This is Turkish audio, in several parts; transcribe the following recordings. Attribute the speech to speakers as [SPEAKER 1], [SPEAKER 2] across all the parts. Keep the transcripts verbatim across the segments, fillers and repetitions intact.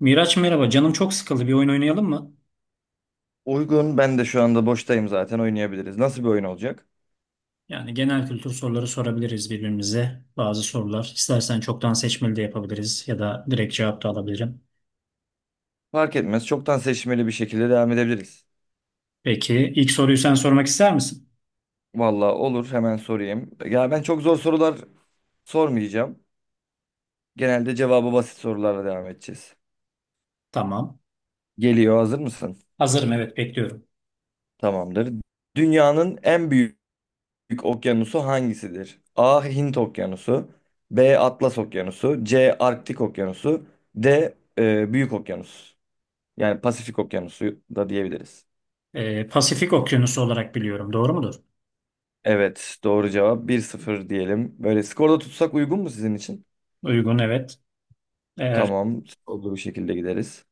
[SPEAKER 1] Miraç merhaba, canım çok sıkıldı. Bir oyun oynayalım mı?
[SPEAKER 2] Uygun. Ben de şu anda boştayım zaten oynayabiliriz. Nasıl bir oyun olacak?
[SPEAKER 1] Yani genel kültür soruları sorabiliriz birbirimize. Bazı sorular. İstersen çoktan seçmeli de yapabiliriz ya da direkt cevap da alabilirim.
[SPEAKER 2] Fark etmez. Çoktan seçmeli bir şekilde devam edebiliriz.
[SPEAKER 1] Peki ilk soruyu sen sormak ister misin?
[SPEAKER 2] Valla olur. Hemen sorayım. Ya ben çok zor sorular sormayacağım. Genelde cevabı basit sorularla devam edeceğiz.
[SPEAKER 1] Tamam.
[SPEAKER 2] Geliyor. Hazır mısın?
[SPEAKER 1] Hazırım, evet, bekliyorum.
[SPEAKER 2] Tamamdır. Dünyanın en büyük okyanusu hangisidir? A. Hint Okyanusu, B. Atlas Okyanusu, C. Arktik Okyanusu, D. e, Büyük Okyanus. Yani Pasifik Okyanusu da diyebiliriz.
[SPEAKER 1] Ee, Pasifik Okyanusu olarak biliyorum. Doğru mudur?
[SPEAKER 2] Evet, doğru cevap bir sıfır diyelim. Böyle skorda tutsak uygun mu sizin için?
[SPEAKER 1] Uygun, evet. Eğer
[SPEAKER 2] Tamam, skorlu bir şekilde gideriz.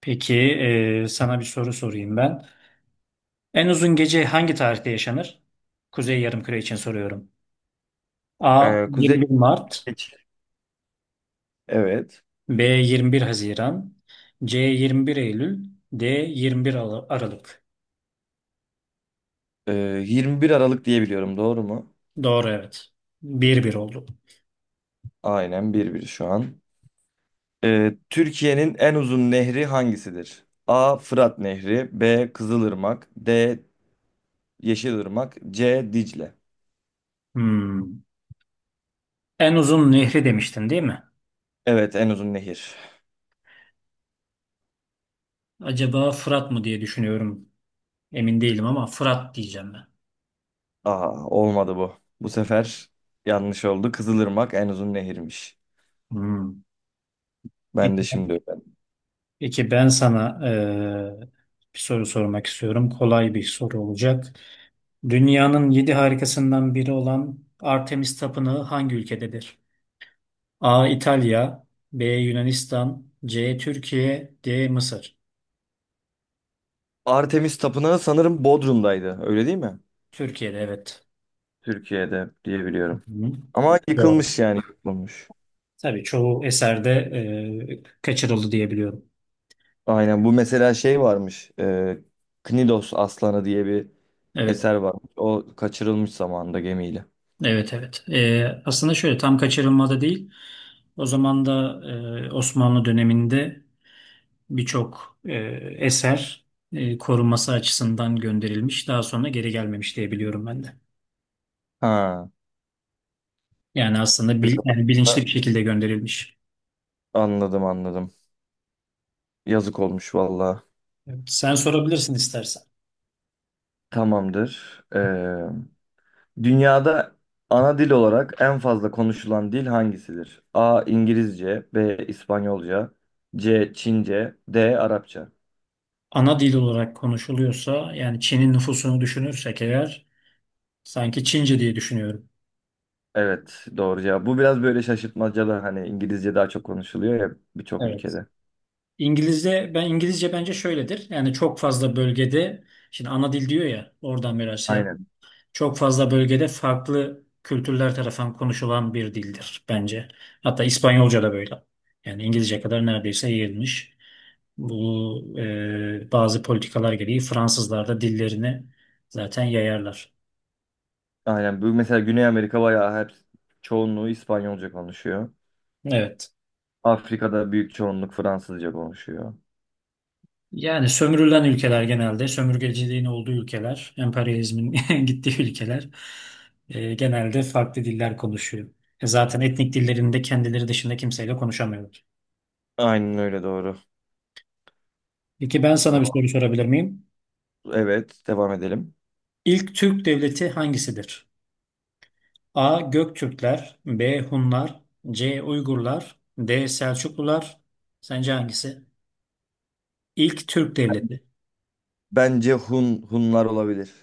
[SPEAKER 1] peki e, sana bir soru sorayım ben. En uzun gece hangi tarihte yaşanır? Kuzey Yarımküre için soruyorum. A.
[SPEAKER 2] Ee, Kuzey
[SPEAKER 1] yirmi bir Mart,
[SPEAKER 2] Kıbrıs. Evet.
[SPEAKER 1] B. yirmi bir Haziran, C. yirmi bir Eylül, D. yirmi bir Al- Aralık.
[SPEAKER 2] Ee, yirmi bir Aralık diye biliyorum, doğru mu?
[SPEAKER 1] Doğru, evet. bir bir oldu.
[SPEAKER 2] Aynen bir bir şu an. Ee, Türkiye'nin en uzun nehri hangisidir? A. Fırat Nehri, B. Kızılırmak, D. Yeşilırmak, C. Dicle.
[SPEAKER 1] Hmm. En uzun nehri demiştin değil mi?
[SPEAKER 2] Evet, en uzun nehir.
[SPEAKER 1] Acaba Fırat mı diye düşünüyorum. Emin değilim ama Fırat diyeceğim ben.
[SPEAKER 2] Aa, olmadı bu. Bu sefer yanlış oldu. Kızılırmak en uzun nehirmiş.
[SPEAKER 1] Hmm. Peki
[SPEAKER 2] Ben de şimdi öğrendim.
[SPEAKER 1] peki ben sana eee, bir soru sormak istiyorum. Kolay bir soru olacak. Dünyanın yedi harikasından biri olan Artemis Tapınağı hangi ülkededir? A. İtalya, B. Yunanistan, C. Türkiye, D. Mısır.
[SPEAKER 2] Artemis Tapınağı sanırım Bodrum'daydı. Öyle değil mi?
[SPEAKER 1] Türkiye'de, evet.
[SPEAKER 2] Türkiye'de diye biliyorum.
[SPEAKER 1] Hı.
[SPEAKER 2] Ama
[SPEAKER 1] Doğru.
[SPEAKER 2] yıkılmış, yani yıkılmış.
[SPEAKER 1] Tabii çoğu eserde e, kaçırıldı diyebiliyorum.
[SPEAKER 2] Aynen, bu mesela şey varmış. E, Knidos Aslanı diye bir
[SPEAKER 1] Evet,
[SPEAKER 2] eser varmış. O kaçırılmış zamanında gemiyle.
[SPEAKER 1] evet, evet. E, aslında şöyle, tam kaçırılmada değil. O zaman da e, Osmanlı döneminde birçok e, eser e, korunması açısından gönderilmiş. Daha sonra geri gelmemiş diyebiliyorum ben de.
[SPEAKER 2] Ha,
[SPEAKER 1] Yani aslında bil-
[SPEAKER 2] biraz
[SPEAKER 1] yani
[SPEAKER 2] da-
[SPEAKER 1] bilinçli bir şekilde gönderilmiş.
[SPEAKER 2] anladım, anladım. Yazık olmuş valla.
[SPEAKER 1] Evet, sen sorabilirsin istersen.
[SPEAKER 2] Tamamdır. Ee, dünyada ana dil olarak en fazla konuşulan dil hangisidir? A. İngilizce, B. İspanyolca, C. Çince, D. Arapça.
[SPEAKER 1] Ana dil olarak konuşuluyorsa, yani Çin'in nüfusunu düşünürsek eğer, sanki Çince diye düşünüyorum.
[SPEAKER 2] Evet, doğru cevap. Bu biraz böyle şaşırtmacalı, hani İngilizce daha çok konuşuluyor ya birçok
[SPEAKER 1] Evet.
[SPEAKER 2] ülkede.
[SPEAKER 1] İngilizce ben İngilizce bence şöyledir. Yani çok fazla bölgede, şimdi ana dil diyor ya, oradan biraz şey yap.
[SPEAKER 2] Aynen.
[SPEAKER 1] Çok fazla bölgede farklı kültürler tarafından konuşulan bir dildir bence. Hatta İspanyolca da böyle. Yani İngilizce kadar neredeyse yayılmış. Bu e, bazı politikalar gereği Fransızlar da dillerini zaten yayarlar.
[SPEAKER 2] Aynen. Bu mesela Güney Amerika bayağı hep çoğunluğu İspanyolca konuşuyor.
[SPEAKER 1] Evet.
[SPEAKER 2] Afrika'da büyük çoğunluk Fransızca konuşuyor.
[SPEAKER 1] Yani sömürülen ülkeler genelde, sömürgeciliğin olduğu ülkeler, emperyalizmin gittiği ülkeler e, genelde farklı diller konuşuyor. E, zaten etnik dillerinde kendileri dışında kimseyle konuşamıyorlar.
[SPEAKER 2] Aynen öyle, doğru.
[SPEAKER 1] Peki ben sana bir
[SPEAKER 2] Tamam.
[SPEAKER 1] soru sorabilir miyim?
[SPEAKER 2] Evet, devam edelim.
[SPEAKER 1] İlk Türk devleti hangisidir? A. Göktürkler, B. Hunlar, C. Uygurlar, D. Selçuklular. Sence hangisi? İlk Türk devleti.
[SPEAKER 2] Bence Hun, Hunlar olabilir.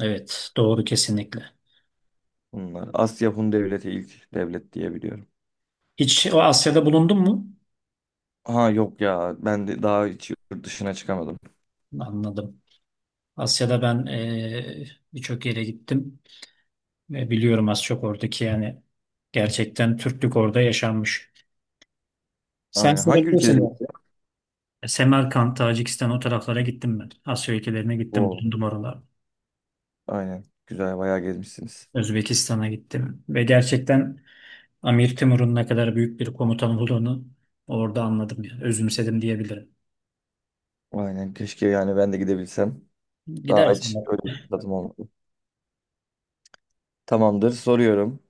[SPEAKER 1] Evet, doğru kesinlikle.
[SPEAKER 2] Bunlar Asya Hun Devleti ilk devlet diye biliyorum.
[SPEAKER 1] Hiç o Asya'da bulundun mu?
[SPEAKER 2] Ha yok ya, ben de daha hiç yurt dışına çıkamadım.
[SPEAKER 1] Anladım. Asya'da ben eee, birçok yere gittim ve biliyorum az çok oradaki, yani gerçekten Türklük orada yaşanmış. Sen
[SPEAKER 2] Aynen. Hangi
[SPEAKER 1] sorabilirsin
[SPEAKER 2] ülkelere
[SPEAKER 1] ya.
[SPEAKER 2] gittin?
[SPEAKER 1] Semerkant, Tacikistan, o taraflara gittim ben. Asya ülkelerine gittim,
[SPEAKER 2] Oo,
[SPEAKER 1] bulundum oralarda.
[SPEAKER 2] aynen. Güzel, bayağı gezmişsiniz.
[SPEAKER 1] Özbekistan'a gittim ve gerçekten Amir Timur'un ne kadar büyük bir komutan olduğunu orada anladım yani. Özümsedim diyebilirim.
[SPEAKER 2] Aynen. Keşke, yani ben de gidebilsem. Daha
[SPEAKER 1] Gidersin
[SPEAKER 2] hiç
[SPEAKER 1] bak.
[SPEAKER 2] öyle bir fırsatım olmadı. Tamamdır. Soruyorum.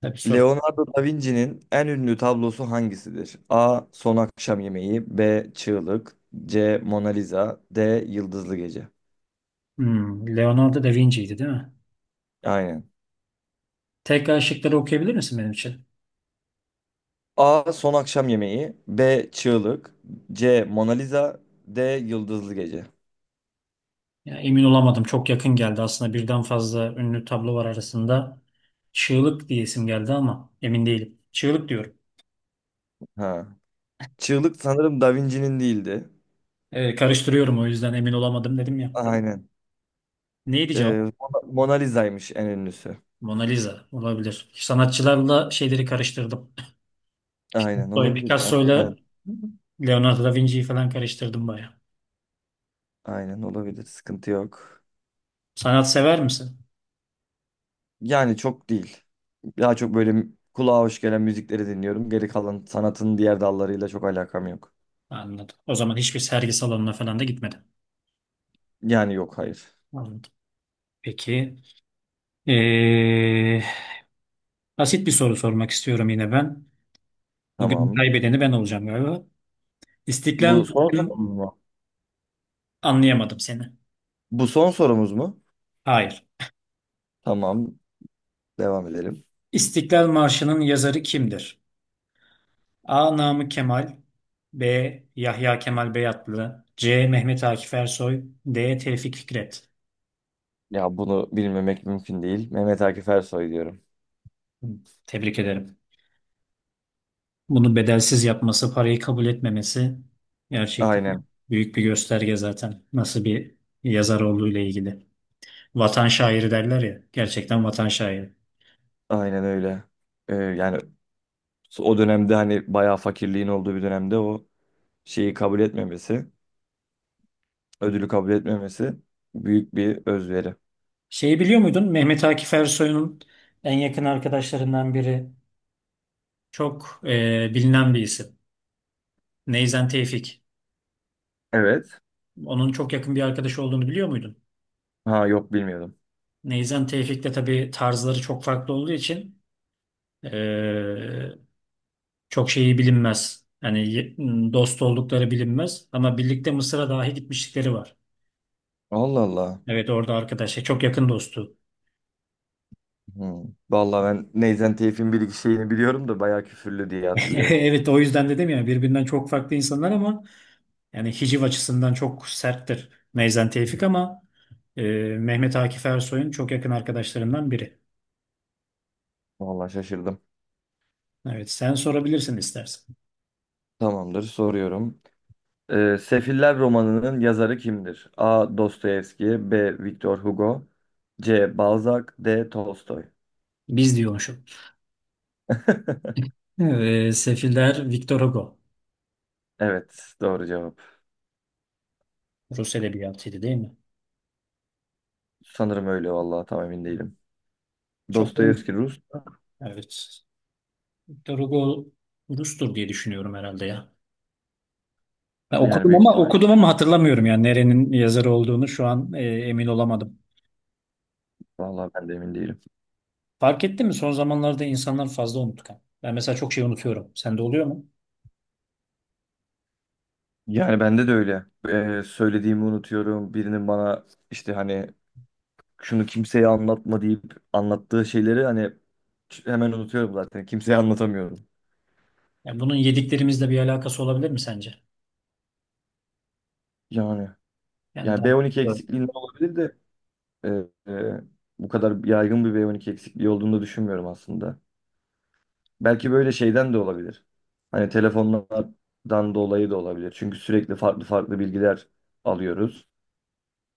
[SPEAKER 1] Tabii, soru.
[SPEAKER 2] Leonardo da Vinci'nin en ünlü tablosu hangisidir? A. Son Akşam Yemeği, B. Çığlık, C. Mona Lisa, D. Yıldızlı Gece.
[SPEAKER 1] Hmm, Leonardo da Vinci'ydi değil mi?
[SPEAKER 2] Aynen.
[SPEAKER 1] Tekrar şıkları okuyabilir misin benim için?
[SPEAKER 2] A. Son Akşam Yemeği. B. Çığlık. C. Mona Lisa. D. Yıldızlı Gece.
[SPEAKER 1] Ya emin olamadım. Çok yakın geldi. Aslında birden fazla ünlü tablo var arasında. Çığlık diye isim geldi ama emin değilim. Çığlık diyorum.
[SPEAKER 2] Ha. Çığlık sanırım Da Vinci'nin değildi.
[SPEAKER 1] Ee, karıştırıyorum, o yüzden emin olamadım dedim ya.
[SPEAKER 2] Aynen.
[SPEAKER 1] Neydi
[SPEAKER 2] Ee,
[SPEAKER 1] cevap?
[SPEAKER 2] Mona Mona Lisa'ymış en ünlüsü.
[SPEAKER 1] Mona Lisa olabilir. Sanatçılarla şeyleri karıştırdım.
[SPEAKER 2] Aynen,
[SPEAKER 1] Böyle
[SPEAKER 2] olabilir ya. Evet.
[SPEAKER 1] Picasso'yla Leonardo da Vinci'yi falan karıştırdım bayağı.
[SPEAKER 2] Aynen olabilir. Sıkıntı yok.
[SPEAKER 1] Sanat sever misin?
[SPEAKER 2] Yani çok değil. Daha çok böyle kulağa hoş gelen müzikleri dinliyorum. Geri kalan sanatın diğer dallarıyla çok alakam yok.
[SPEAKER 1] Anladım. O zaman hiçbir sergi salonuna falan da gitmedim.
[SPEAKER 2] Yani yok, hayır.
[SPEAKER 1] Anladım. Peki. Ee, basit bir soru sormak istiyorum yine ben. Bugün
[SPEAKER 2] Tamam.
[SPEAKER 1] kaybedeni ben olacağım galiba. İstiklal
[SPEAKER 2] Bu son
[SPEAKER 1] Marşı'nın
[SPEAKER 2] sorumuz mu?
[SPEAKER 1] anlayamadım seni.
[SPEAKER 2] Bu son sorumuz mu?
[SPEAKER 1] Hayır.
[SPEAKER 2] Tamam. Devam edelim.
[SPEAKER 1] İstiklal Marşı'nın yazarı kimdir? A. Namık Kemal, B. Yahya Kemal Beyatlı, C. Mehmet Akif Ersoy, D. Tevfik Fikret.
[SPEAKER 2] Ya bunu bilmemek mümkün değil. Mehmet Akif Ersoy diyorum.
[SPEAKER 1] Hı, tebrik ederim. Bunu bedelsiz yapması, parayı kabul etmemesi gerçekten
[SPEAKER 2] Aynen,
[SPEAKER 1] büyük bir gösterge zaten nasıl bir yazar olduğu ile ilgili. Vatan şairi derler ya. Gerçekten vatan şairi.
[SPEAKER 2] aynen öyle. Ee, yani o dönemde hani bayağı fakirliğin olduğu bir dönemde o şeyi kabul etmemesi, ödülü kabul etmemesi büyük bir özveri.
[SPEAKER 1] Şeyi biliyor muydun? Mehmet Akif Ersoy'un en yakın arkadaşlarından biri, çok e, bilinen bir isim, Neyzen Tevfik.
[SPEAKER 2] Evet.
[SPEAKER 1] Onun çok yakın bir arkadaşı olduğunu biliyor muydun?
[SPEAKER 2] Ha yok, bilmiyordum.
[SPEAKER 1] Neyzen Tevfik de tabii tarzları çok farklı olduğu için e, çok şeyi bilinmez. Yani ye- dost oldukları bilinmez ama birlikte Mısır'a dahi gitmişlikleri var.
[SPEAKER 2] Allah Allah.
[SPEAKER 1] Evet, orada arkadaş, şey, çok yakın dostu.
[SPEAKER 2] Hmm. Vallahi ben Neyzen Tevfik'in bir iki şeyini biliyorum da bayağı küfürlü diye hatırlıyorum.
[SPEAKER 1] Evet, o yüzden dedim ya, birbirinden çok farklı insanlar ama yani hiciv açısından çok serttir Neyzen Tevfik, ama e, Mehmet Akif Ersoy'un çok yakın arkadaşlarından biri.
[SPEAKER 2] Vallahi şaşırdım.
[SPEAKER 1] Evet, sen sorabilirsin istersen.
[SPEAKER 2] Tamamdır, soruyorum. Ee, Sefiller romanının yazarı kimdir? A. Dostoyevski, B. Victor Hugo, C. Balzac, D. Tolstoy.
[SPEAKER 1] Biz diyormuşum. Evet, Sefiller Victor Hugo.
[SPEAKER 2] Evet, doğru cevap.
[SPEAKER 1] Rus edebiyatıydı değil mi?
[SPEAKER 2] Sanırım öyle, vallahi tam emin değilim.
[SPEAKER 1] Çok olmuş.
[SPEAKER 2] Dostoyevski Rus,
[SPEAKER 1] Evet. Victor Hugo Rus'tur diye düşünüyorum herhalde ya. Ben
[SPEAKER 2] yani
[SPEAKER 1] okudum
[SPEAKER 2] büyük
[SPEAKER 1] ama
[SPEAKER 2] ihtimal.
[SPEAKER 1] okudum ama hatırlamıyorum, yani nerenin yazarı olduğunu şu an e, emin olamadım.
[SPEAKER 2] Vallahi ben de emin değilim.
[SPEAKER 1] Fark ettin mi? Son zamanlarda insanlar fazla unutkan. Ben mesela çok şey unutuyorum. Sende oluyor mu?
[SPEAKER 2] Yani bende de öyle. Ee, söylediğimi unutuyorum. Birinin bana işte hani şunu kimseye anlatma deyip anlattığı şeyleri hani hemen unutuyorum zaten. Kimseye anlatamıyorum.
[SPEAKER 1] Yani bunun yediklerimizle bir alakası olabilir mi sence?
[SPEAKER 2] Yani
[SPEAKER 1] Yani
[SPEAKER 2] yani
[SPEAKER 1] daha...
[SPEAKER 2] be on iki eksikliğinden olabilir de e, e, bu kadar yaygın bir be on iki eksikliği olduğunu düşünmüyorum aslında. Belki böyle şeyden de olabilir. Hani telefonlardan dolayı da olabilir. Çünkü sürekli farklı farklı bilgiler alıyoruz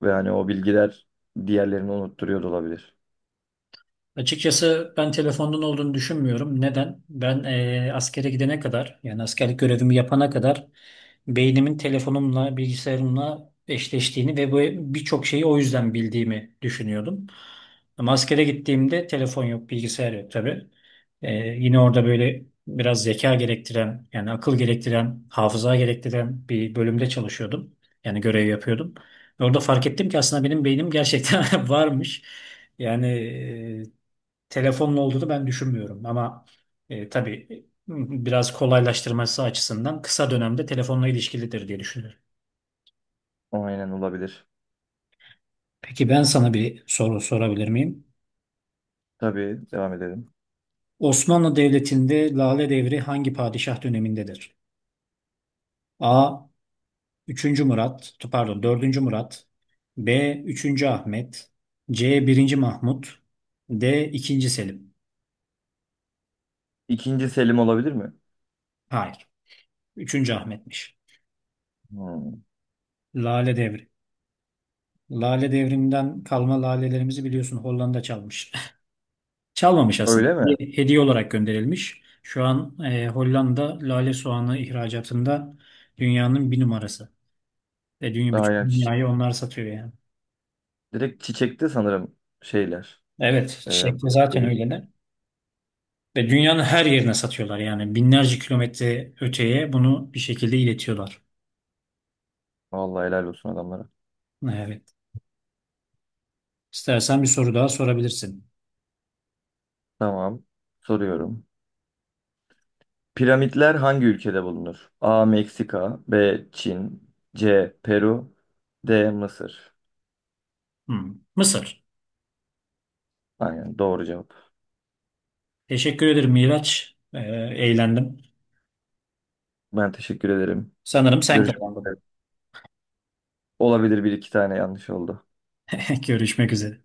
[SPEAKER 2] ve hani o bilgiler diğerlerini unutturuyor da olabilir.
[SPEAKER 1] Açıkçası ben telefondan olduğunu düşünmüyorum. Neden? Ben eee askere gidene kadar, yani askerlik görevimi yapana kadar beynimin telefonumla, bilgisayarımla eşleştiğini ve bu birçok şeyi o yüzden bildiğimi düşünüyordum. Ama askere gittiğimde telefon yok, bilgisayar yok tabii. Eee, yine orada böyle biraz zeka gerektiren, yani akıl gerektiren, hafıza gerektiren bir bölümde çalışıyordum. Yani görev yapıyordum. Orada fark ettim ki aslında benim beynim gerçekten varmış. Yani e, telefonla olduğunu ben düşünmüyorum ama e, tabii biraz kolaylaştırması açısından kısa dönemde telefonla ilişkilidir diye düşünüyorum.
[SPEAKER 2] Aynen, olabilir.
[SPEAKER 1] Peki ben sana bir soru sorabilir miyim?
[SPEAKER 2] Tabii, devam edelim.
[SPEAKER 1] Osmanlı Devleti'nde Lale Devri hangi padişah dönemindedir? A. üçüncü Murat, pardon dördüncü Murat, B. üçüncü Ahmet, C. birinci Mahmut, D. ikinci Selim.
[SPEAKER 2] İkinci Selim olabilir mi?
[SPEAKER 1] Hayır, üçüncü Ahmet'miş.
[SPEAKER 2] Hmm.
[SPEAKER 1] Lale Devri. Lale Devri'nden kalma lalelerimizi biliyorsun, Hollanda çalmış. Çalmamış aslında.
[SPEAKER 2] Öyle mi?
[SPEAKER 1] Bir hediye olarak gönderilmiş. Şu an e, Hollanda lale soğanı ihracatında dünyanın bir numarası. Ve dünya, bütün
[SPEAKER 2] Aynen,
[SPEAKER 1] dünyayı
[SPEAKER 2] çiçek.
[SPEAKER 1] onlar satıyor yani.
[SPEAKER 2] Direkt çiçekte sanırım şeyler.
[SPEAKER 1] Evet,
[SPEAKER 2] E,
[SPEAKER 1] çiçek de
[SPEAKER 2] bakar
[SPEAKER 1] zaten
[SPEAKER 2] gelip.
[SPEAKER 1] öyle de. Ve dünyanın her yerine satıyorlar yani. Binlerce kilometre öteye bunu bir şekilde iletiyorlar.
[SPEAKER 2] Vallahi helal olsun adamlara.
[SPEAKER 1] Evet. İstersen bir soru daha sorabilirsin.
[SPEAKER 2] Tamam. Soruyorum. Piramitler hangi ülkede bulunur? A. Meksika, B. Çin, C. Peru, D. Mısır.
[SPEAKER 1] Hmm. Mısır.
[SPEAKER 2] Aynen, doğru cevap.
[SPEAKER 1] Teşekkür ederim Miraç. E, eğlendim.
[SPEAKER 2] Ben teşekkür ederim.
[SPEAKER 1] Sanırım sen
[SPEAKER 2] Görüşmek
[SPEAKER 1] kazandın.
[SPEAKER 2] üzere. Olabilir, bir iki tane yanlış oldu.
[SPEAKER 1] Görüşmek üzere.